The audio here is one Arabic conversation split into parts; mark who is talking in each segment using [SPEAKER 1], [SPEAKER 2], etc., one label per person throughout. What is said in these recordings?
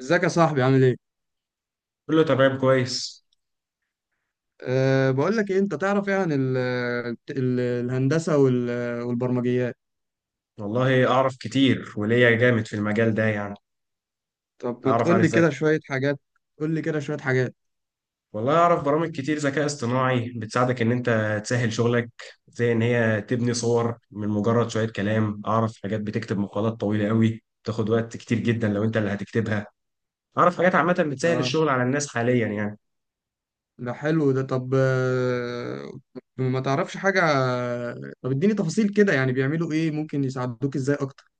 [SPEAKER 1] ازيك يا صاحبي عامل ايه؟
[SPEAKER 2] كله تمام كويس.
[SPEAKER 1] بقول لك ايه، انت تعرف ايه عن ال الهندسة والبرمجيات؟
[SPEAKER 2] والله اعرف كتير وليا جامد في المجال ده يعني.
[SPEAKER 1] طب ما
[SPEAKER 2] اعرف عن
[SPEAKER 1] تقول لي
[SPEAKER 2] الذكاء.
[SPEAKER 1] كده شوية حاجات. قول لي كده شوية حاجات.
[SPEAKER 2] والله اعرف برامج كتير ذكاء اصطناعي بتساعدك ان انت تسهل شغلك، زي ان هي تبني صور من مجرد شوية كلام. اعرف حاجات بتكتب مقالات طويلة قوي بتاخد وقت كتير جدا لو انت اللي هتكتبها. اعرف حاجات عامة بتسهل
[SPEAKER 1] اه،
[SPEAKER 2] الشغل على الناس حاليا يعني.
[SPEAKER 1] ده حلو ده. طب ما تعرفش حاجة. طب اديني تفاصيل كده، يعني بيعملوا ايه، ممكن يساعدوك ازاي اكتر؟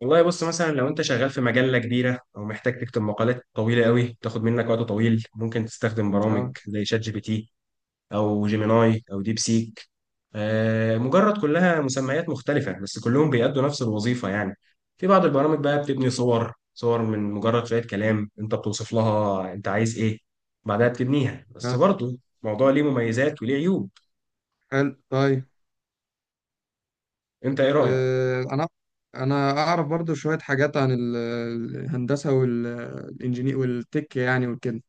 [SPEAKER 2] والله بص، مثلا لو انت شغال في مجلة كبيرة او محتاج تكتب مقالات طويلة قوي تاخد منك وقت طويل ممكن تستخدم برامج
[SPEAKER 1] اه
[SPEAKER 2] زي شات جي بي تي او جيميناي او ديب سيك. مجرد كلها مسميات مختلفة بس كلهم بيأدوا نفس الوظيفة يعني. في بعض البرامج بقى بتبني صور من مجرد شوية كلام انت بتوصف لها انت عايز ايه، بعدها بتبنيها. بس
[SPEAKER 1] اه.
[SPEAKER 2] برضه الموضوع ليه مميزات وليه عيوب.
[SPEAKER 1] حلو طيب.
[SPEAKER 2] انت ايه رأيك؟
[SPEAKER 1] أه انا انا اعرف برضو شوية حاجات عن الهندسة والانجينير والتك يعني وكده.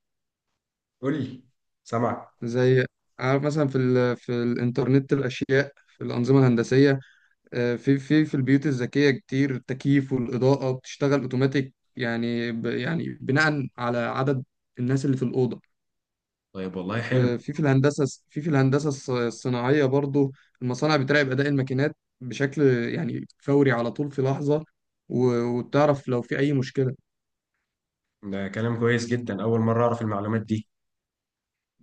[SPEAKER 2] قول لي، سامعك.
[SPEAKER 1] زي، عارف مثلا في في الانترنت الاشياء، في الانظمه الهندسيه. في البيوت الذكيه، كتير التكييف والاضاءه بتشتغل اوتوماتيك، يعني يعني بناء على عدد الناس اللي في الاوضه.
[SPEAKER 2] طيب والله حلو.
[SPEAKER 1] وفي في الهندسه، في الهندسه الصناعيه برضو، المصانع بتراقب اداء الماكينات بشكل يعني فوري، على طول في لحظه، وتعرف لو في اي مشكله.
[SPEAKER 2] ده كلام كويس جدا، اول مرة اعرف المعلومات دي.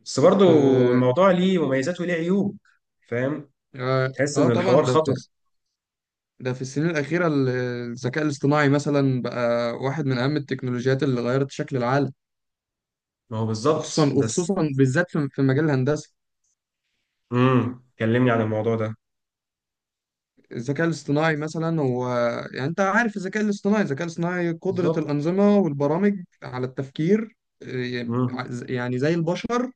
[SPEAKER 2] بس
[SPEAKER 1] طب
[SPEAKER 2] برضه
[SPEAKER 1] اه.
[SPEAKER 2] الموضوع ليه مميزات وليه عيوب. فاهم، تحس ان الحوار
[SPEAKER 1] طبعا ده في،
[SPEAKER 2] خطر.
[SPEAKER 1] ده في السنين الأخيرة الذكاء الاصطناعي مثلا بقى واحد من أهم التكنولوجيات اللي غيرت شكل العالم.
[SPEAKER 2] ما هو بالظبط
[SPEAKER 1] وخصوصا
[SPEAKER 2] بس.
[SPEAKER 1] وخصوصا بالذات في مجال الهندسة.
[SPEAKER 2] كلمني عن الموضوع ده.
[SPEAKER 1] الذكاء الاصطناعي مثلا هو، يعني أنت عارف الذكاء الاصطناعي، الذكاء الاصطناعي قدرة
[SPEAKER 2] بالظبط.
[SPEAKER 1] الأنظمة والبرامج على التفكير، إيه،
[SPEAKER 2] امم.
[SPEAKER 1] يعني زي البشر.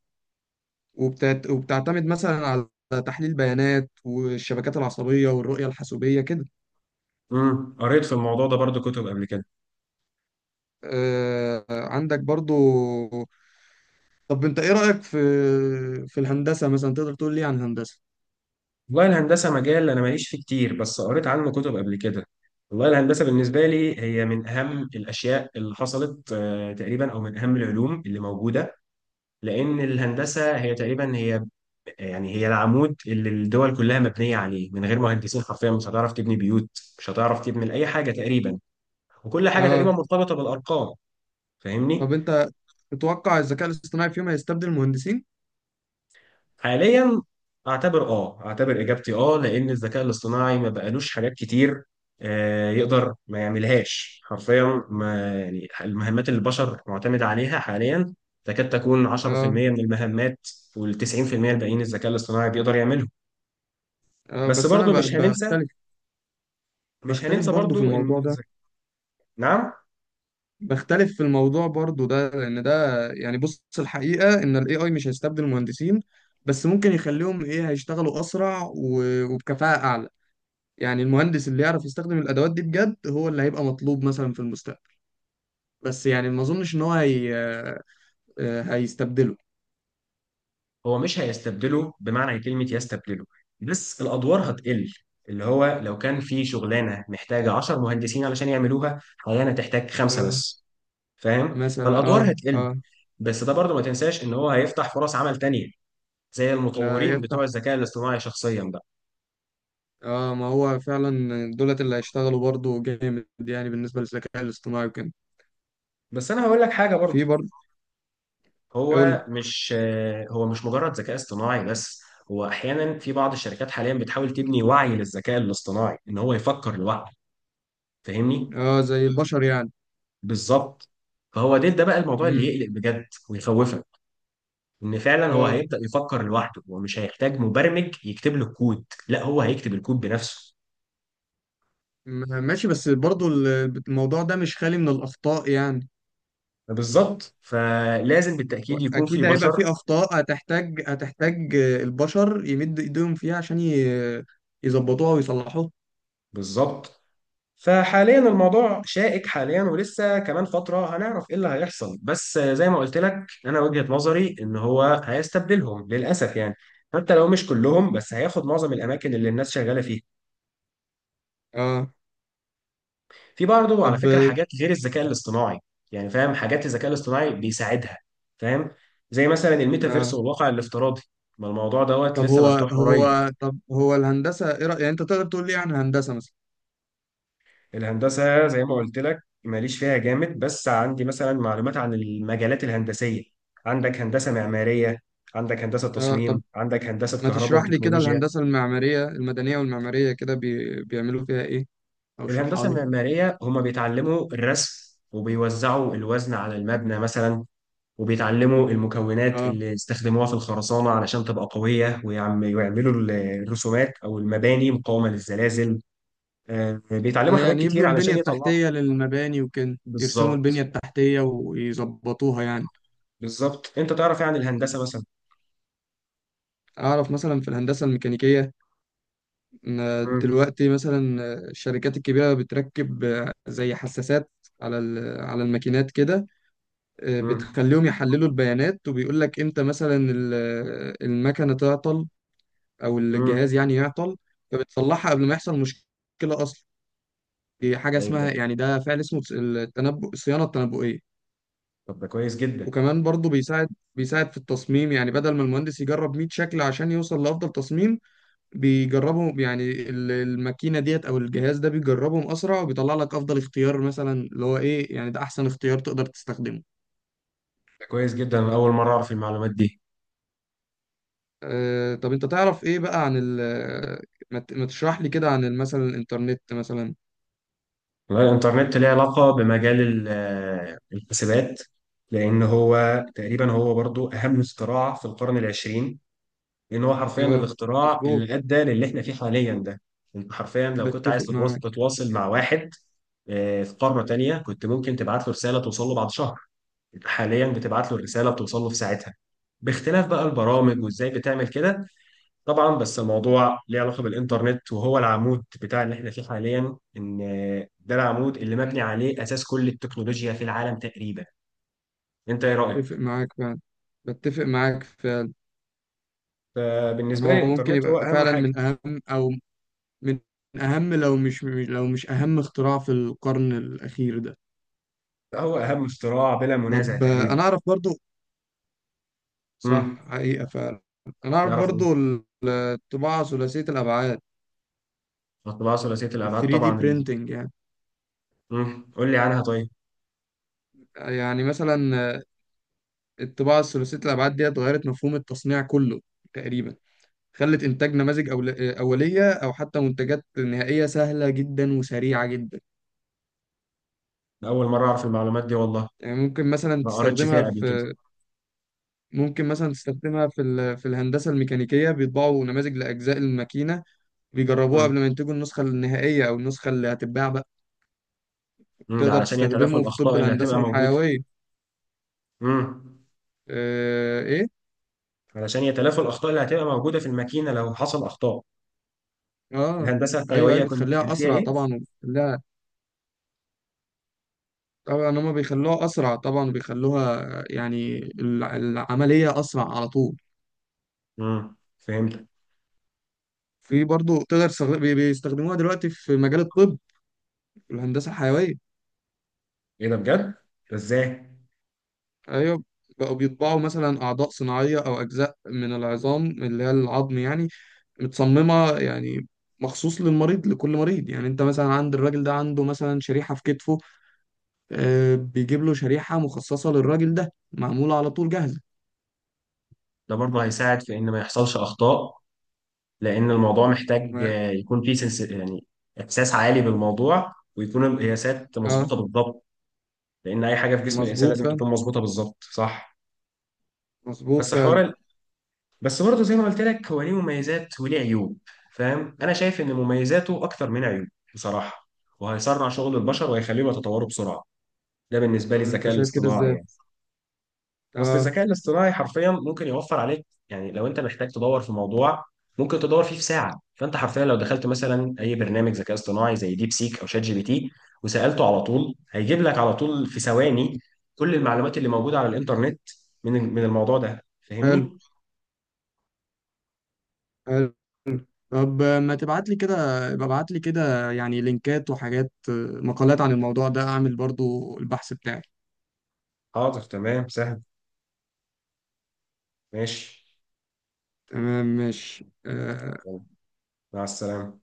[SPEAKER 1] وبتعتمد مثلا على تحليل بيانات والشبكات العصبية والرؤية الحاسوبية كده.
[SPEAKER 2] قريت في الموضوع ده برضو كتب قبل كده.
[SPEAKER 1] عندك برضو. طب انت ايه رأيك في، في الهندسة مثلا، تقدر تقول لي عن الهندسة؟
[SPEAKER 2] والله الهندسه مجال انا ماليش فيه كتير بس قريت عنه كتب قبل كده. والله الهندسه بالنسبه لي هي من اهم الاشياء اللي حصلت تقريبا، او من اهم العلوم اللي موجوده. لان الهندسه هي تقريبا يعني هي العمود اللي الدول كلها مبنيه عليه. من غير مهندسين حرفيا مش هتعرف تبني بيوت، مش هتعرف تبني اي حاجه تقريبا، وكل حاجه تقريبا
[SPEAKER 1] اه،
[SPEAKER 2] مرتبطه بالارقام. فاهمني.
[SPEAKER 1] طب انت تتوقع الذكاء الاصطناعي في يوم هيستبدل المهندسين؟
[SPEAKER 2] حاليا، اعتبر اجابتي لان الذكاء الاصطناعي ما بقالوش حاجات كتير. يقدر ما يعملهاش حرفيا، ما يعني المهمات اللي البشر معتمد عليها حاليا تكاد تكون
[SPEAKER 1] اه
[SPEAKER 2] 10% من المهمات، وال 90% الباقيين الذكاء الاصطناعي بيقدر يعملهم.
[SPEAKER 1] اه
[SPEAKER 2] بس
[SPEAKER 1] بس انا
[SPEAKER 2] برضو مش هننسى،
[SPEAKER 1] بختلف.
[SPEAKER 2] مش
[SPEAKER 1] بختلف
[SPEAKER 2] هننسى
[SPEAKER 1] برضو في
[SPEAKER 2] برضو ان
[SPEAKER 1] الموضوع ده.
[SPEAKER 2] الذ-. نعم.
[SPEAKER 1] بختلف في الموضوع برضو ده، لان ده يعني، بص الحقيقة ان الاي اي مش هيستبدل المهندسين، بس ممكن يخليهم ايه، هيشتغلوا اسرع وبكفاءة اعلى. يعني المهندس اللي يعرف يستخدم الادوات دي بجد هو اللي هيبقى مطلوب مثلا في المستقبل، بس يعني ما اظنش ان هو هيستبدله.
[SPEAKER 2] هو مش هيستبدله بمعنى كلمة يستبدله، بس الأدوار هتقل. اللي هو لو كان في شغلانة محتاجة 10 مهندسين علشان يعملوها حاليا، هتحتاج خمسة بس. فاهم،
[SPEAKER 1] مثلا
[SPEAKER 2] فالأدوار
[SPEAKER 1] اه
[SPEAKER 2] هتقل.
[SPEAKER 1] اه.
[SPEAKER 2] بس ده برضه ما تنساش إن هو هيفتح فرص عمل تانية، زي
[SPEAKER 1] لا
[SPEAKER 2] المطورين
[SPEAKER 1] يفتح.
[SPEAKER 2] بتوع الذكاء الاصطناعي شخصيا بقى.
[SPEAKER 1] اه، ما هو فعلا، دولت اللي هيشتغلوا برضه جامد يعني بالنسبة للذكاء الاصطناعي وكده.
[SPEAKER 2] بس أنا هقول لك حاجة برضه.
[SPEAKER 1] في برضه. قول
[SPEAKER 2] هو
[SPEAKER 1] لي.
[SPEAKER 2] مش هو مش مجرد ذكاء اصطناعي بس. هو أحيانا في بعض الشركات حاليا بتحاول تبني وعي للذكاء الاصطناعي إن هو يفكر لوحده. فاهمني.
[SPEAKER 1] اه، زي البشر يعني.
[SPEAKER 2] بالظبط. فهو ده بقى الموضوع اللي
[SPEAKER 1] امم.
[SPEAKER 2] يقلق بجد ويخوفك. ان فعلا هو
[SPEAKER 1] اه،
[SPEAKER 2] هيبدأ يفكر لوحده، هو مش هيحتاج مبرمج يكتب له الكود، لا هو هيكتب الكود بنفسه.
[SPEAKER 1] ماشي، بس برضه الموضوع ده مش خالي من الأخطاء يعني.
[SPEAKER 2] بالظبط، فلازم بالتأكيد يكون في
[SPEAKER 1] أكيد هيبقى
[SPEAKER 2] بشر.
[SPEAKER 1] في أخطاء، هتحتاج هتحتاج البشر يمدوا إيديهم فيها عشان يظبطوها ويصلحوها.
[SPEAKER 2] بالظبط. فحاليا الموضوع شائك حاليا، ولسه كمان فترة هنعرف ايه اللي هيحصل. بس زي ما قلت لك انا وجهة نظري ان هو هيستبدلهم للأسف يعني. حتى لو مش كلهم بس هياخد معظم الأماكن اللي الناس شغالة فيها.
[SPEAKER 1] اه.
[SPEAKER 2] في برضه على
[SPEAKER 1] طب
[SPEAKER 2] فكرة حاجات غير الذكاء الاصطناعي، يعني فاهم حاجات الذكاء الاصطناعي بيساعدها. فاهم، زي مثلا الميتافيرس
[SPEAKER 1] آه.
[SPEAKER 2] والواقع الافتراضي. ما الموضوع دوت
[SPEAKER 1] طب
[SPEAKER 2] لسه
[SPEAKER 1] هو
[SPEAKER 2] مفتوح قريب.
[SPEAKER 1] هو طب هو الهندسة إيه رأيك، يعني أنت تقدر تقول لي عن هندسة مثلا؟
[SPEAKER 2] الهندسة زي ما قلت لك ماليش فيها جامد، بس عندي مثلا معلومات عن المجالات الهندسية. عندك هندسة معمارية، عندك هندسة
[SPEAKER 1] اه، طب
[SPEAKER 2] تصميم، عندك هندسة
[SPEAKER 1] ما
[SPEAKER 2] كهرباء
[SPEAKER 1] تشرح لي كده
[SPEAKER 2] وتكنولوجيا.
[SPEAKER 1] الهندسة المعمارية المدنية والمعمارية كده بيعملوا فيها إيه، او اشرحها
[SPEAKER 2] الهندسة
[SPEAKER 1] لي.
[SPEAKER 2] المعمارية هما بيتعلموا الرسم، وبيوزعوا الوزن على المبنى مثلا. وبيتعلموا المكونات
[SPEAKER 1] آه.
[SPEAKER 2] اللي استخدموها في الخرسانة علشان تبقى قوية، ويعملوا الرسومات أو المباني مقاومة للزلازل.
[SPEAKER 1] آه،
[SPEAKER 2] بيتعلموا حاجات
[SPEAKER 1] يعني
[SPEAKER 2] كتير
[SPEAKER 1] يبنوا البنية
[SPEAKER 2] علشان يطلعوا.
[SPEAKER 1] التحتية للمباني وكده، يرسموا البنية
[SPEAKER 2] بالظبط.
[SPEAKER 1] التحتية ويظبطوها يعني.
[SPEAKER 2] بالظبط، أنت تعرف يعني الهندسة مثلا.
[SPEAKER 1] أعرف مثلا في الهندسة الميكانيكية، إن
[SPEAKER 2] مم.
[SPEAKER 1] دلوقتي مثلا الشركات الكبيرة بتركب زي حساسات على على الماكينات كده.
[SPEAKER 2] مم.
[SPEAKER 1] بتخليهم يحللوا البيانات، وبيقول لك إمتى مثلا المكنة تعطل أو
[SPEAKER 2] مم.
[SPEAKER 1] الجهاز يعني يعطل، فبتصلحها قبل ما يحصل مشكلة أصلا. في حاجة
[SPEAKER 2] طيب ده.
[SPEAKER 1] اسمها يعني، ده فعل اسمه التنبؤ، الصيانة التنبؤية.
[SPEAKER 2] طب ده كويس جدا.
[SPEAKER 1] وكمان برضه بيساعد، بيساعد في التصميم. يعني بدل ما المهندس يجرب 100 شكل عشان يوصل لأفضل تصميم بيجربهم يعني، الماكينة ديت أو الجهاز ده بيجربهم أسرع، وبيطلع لك أفضل اختيار، مثلا اللي هو إيه، يعني ده أحسن اختيار تقدر تستخدمه.
[SPEAKER 2] ده كويس جدا، أنا أول مرة أعرف المعلومات دي.
[SPEAKER 1] أه، طب أنت تعرف إيه بقى عن ال، ما تشرح لي كده عن مثلا الإنترنت مثلا.
[SPEAKER 2] والله الإنترنت ليه علاقة بمجال الحسابات. لأن هو تقريبا برضو أهم اختراع في القرن العشرين. لان هو حرفيا
[SPEAKER 1] أه،
[SPEAKER 2] الاختراع
[SPEAKER 1] مظبوط.
[SPEAKER 2] اللي ادى للي احنا فيه حاليا ده. انت حرفيا لو كنت عايز
[SPEAKER 1] بتفق
[SPEAKER 2] تتواصل
[SPEAKER 1] معاك.
[SPEAKER 2] تتواصل مع واحد في قاره تانيه، كنت ممكن تبعت له رساله توصل له بعد شهر. انت حاليا بتبعت له الرساله بتوصل له في ساعتها، باختلاف بقى البرامج
[SPEAKER 1] صح.
[SPEAKER 2] وازاي بتعمل كده. طبعا بس الموضوع ليه علاقه بالانترنت وهو العمود بتاع اللي احنا فيه حاليا، ان ده العمود اللي مبني عليه اساس كل التكنولوجيا في العالم تقريبا. انت ايه
[SPEAKER 1] بتفق
[SPEAKER 2] رايك؟
[SPEAKER 1] معاك فعلا. بتفق معاك فعلا. يعني
[SPEAKER 2] فبالنسبه لي
[SPEAKER 1] هو ممكن
[SPEAKER 2] الانترنت هو
[SPEAKER 1] يبقى
[SPEAKER 2] اهم
[SPEAKER 1] فعلا
[SPEAKER 2] حاجه،
[SPEAKER 1] من أهم، أو من أهم، لو مش لو مش أهم اختراع في القرن الأخير ده.
[SPEAKER 2] هو اهم اختراع بلا منازع
[SPEAKER 1] طب
[SPEAKER 2] تقريبا.
[SPEAKER 1] أنا أعرف برضو.
[SPEAKER 2] مم.
[SPEAKER 1] صح، حقيقة فعلا. أنا أعرف
[SPEAKER 2] نعرف
[SPEAKER 1] برضو
[SPEAKER 2] ايه.
[SPEAKER 1] الطباعة ثلاثية الأبعاد،
[SPEAKER 2] الطباعة ثلاثية
[SPEAKER 1] ال
[SPEAKER 2] الأبعاد
[SPEAKER 1] 3D
[SPEAKER 2] طبعا ال-.
[SPEAKER 1] printing يعني.
[SPEAKER 2] مم. قول لي عنها طيب.
[SPEAKER 1] يعني مثلا الطباعة الثلاثية الأبعاد دي اتغيرت مفهوم التصنيع كله تقريبا. خلت إنتاج نماذج أولية أو حتى منتجات نهائية سهلة جدا وسريعة جدا.
[SPEAKER 2] أنا أول مرة أعرف المعلومات دي والله،
[SPEAKER 1] يعني ممكن مثلا
[SPEAKER 2] ما قريتش
[SPEAKER 1] تستخدمها
[SPEAKER 2] فيها قبل كده.
[SPEAKER 1] في، ممكن مثلا تستخدمها في في الهندسة الميكانيكية، بيطبعوا نماذج لأجزاء الماكينة، بيجربوها
[SPEAKER 2] مم.
[SPEAKER 1] قبل ما ينتجوا النسخة النهائية أو النسخة اللي هتتباع بقى.
[SPEAKER 2] مم. ده
[SPEAKER 1] تقدر
[SPEAKER 2] علشان يتلافوا
[SPEAKER 1] تستخدمه في، طب
[SPEAKER 2] الأخطاء اللي هتبقى
[SPEAKER 1] الهندسة
[SPEAKER 2] موجودة.
[SPEAKER 1] الحيوية.
[SPEAKER 2] مم.
[SPEAKER 1] آه إيه؟
[SPEAKER 2] علشان يتلافوا الأخطاء اللي هتبقى موجودة في الماكينة لو حصل أخطاء.
[SPEAKER 1] آه،
[SPEAKER 2] الهندسة
[SPEAKER 1] أيوه
[SPEAKER 2] الحيوية
[SPEAKER 1] أيوه،
[SPEAKER 2] كان
[SPEAKER 1] بتخليها
[SPEAKER 2] فيها
[SPEAKER 1] أسرع
[SPEAKER 2] إيه؟
[SPEAKER 1] طبعا، وبتخليها، طبعا هما بيخلوها أسرع طبعا، وبيخلوها يعني العملية أسرع على طول.
[SPEAKER 2] مم. فهمت.
[SPEAKER 1] في برضه تقدر تستخدم بيستخدموها دلوقتي في مجال الطب، في الهندسة الحيوية.
[SPEAKER 2] إيه ده بجد؟ ده إزاي؟
[SPEAKER 1] ايوه، بقوا بيطبعوا مثلا اعضاء صناعيه او اجزاء من العظام اللي هي العظم يعني، متصممه يعني مخصوص للمريض، لكل مريض يعني، انت مثلا عند الراجل ده عنده مثلا شريحه في كتفه، آه بيجيب له شريحه مخصصه للراجل ده، معموله على طول جاهزه.
[SPEAKER 2] ده برضه هيساعد في إن ما يحصلش أخطاء، لأن الموضوع محتاج
[SPEAKER 1] ما-
[SPEAKER 2] يكون فيه سنس يعني إحساس عالي بالموضوع، ويكون القياسات
[SPEAKER 1] اه،
[SPEAKER 2] مظبوطة بالضبط. لان اي حاجه في جسم الانسان
[SPEAKER 1] مظبوط
[SPEAKER 2] لازم
[SPEAKER 1] فعلا.
[SPEAKER 2] تكون مظبوطه بالظبط صح.
[SPEAKER 1] مظبوط
[SPEAKER 2] بس حوار
[SPEAKER 1] فعلا.
[SPEAKER 2] ال-. بس برضه زي ما قلت لك هو ليه مميزات وليه عيوب. فاهم، انا شايف ان مميزاته اكتر من عيوب بصراحه. وهيسرع شغل البشر وهيخليهم يتطوروا بسرعه، ده بالنسبه
[SPEAKER 1] طب
[SPEAKER 2] لي
[SPEAKER 1] انت
[SPEAKER 2] الذكاء
[SPEAKER 1] شايف كده
[SPEAKER 2] الاصطناعي
[SPEAKER 1] ازاي؟
[SPEAKER 2] يعني. اصل
[SPEAKER 1] اه،
[SPEAKER 2] الذكاء الاصطناعي حرفيا ممكن يوفر عليك، يعني لو انت محتاج تدور في موضوع ممكن تدور فيه في ساعه. فانت حرفيا لو دخلت مثلا اي برنامج ذكاء اصطناعي زي ديب سيك او شات جي بي تي وسالته على طول، هيجيب لك على طول في ثواني كل المعلومات اللي موجوده على الانترنت من الموضوع ده.
[SPEAKER 1] حلو.
[SPEAKER 2] فاهمني؟
[SPEAKER 1] حلو. طب ما تبعت لي كده، ابعت لي كده يعني لينكات وحاجات، مقالات عن الموضوع ده، اعمل برضو البحث بتاعي.
[SPEAKER 2] حاضر تمام سهل. ماشي.
[SPEAKER 1] تمام ماشي
[SPEAKER 2] يلا، مع السلامه.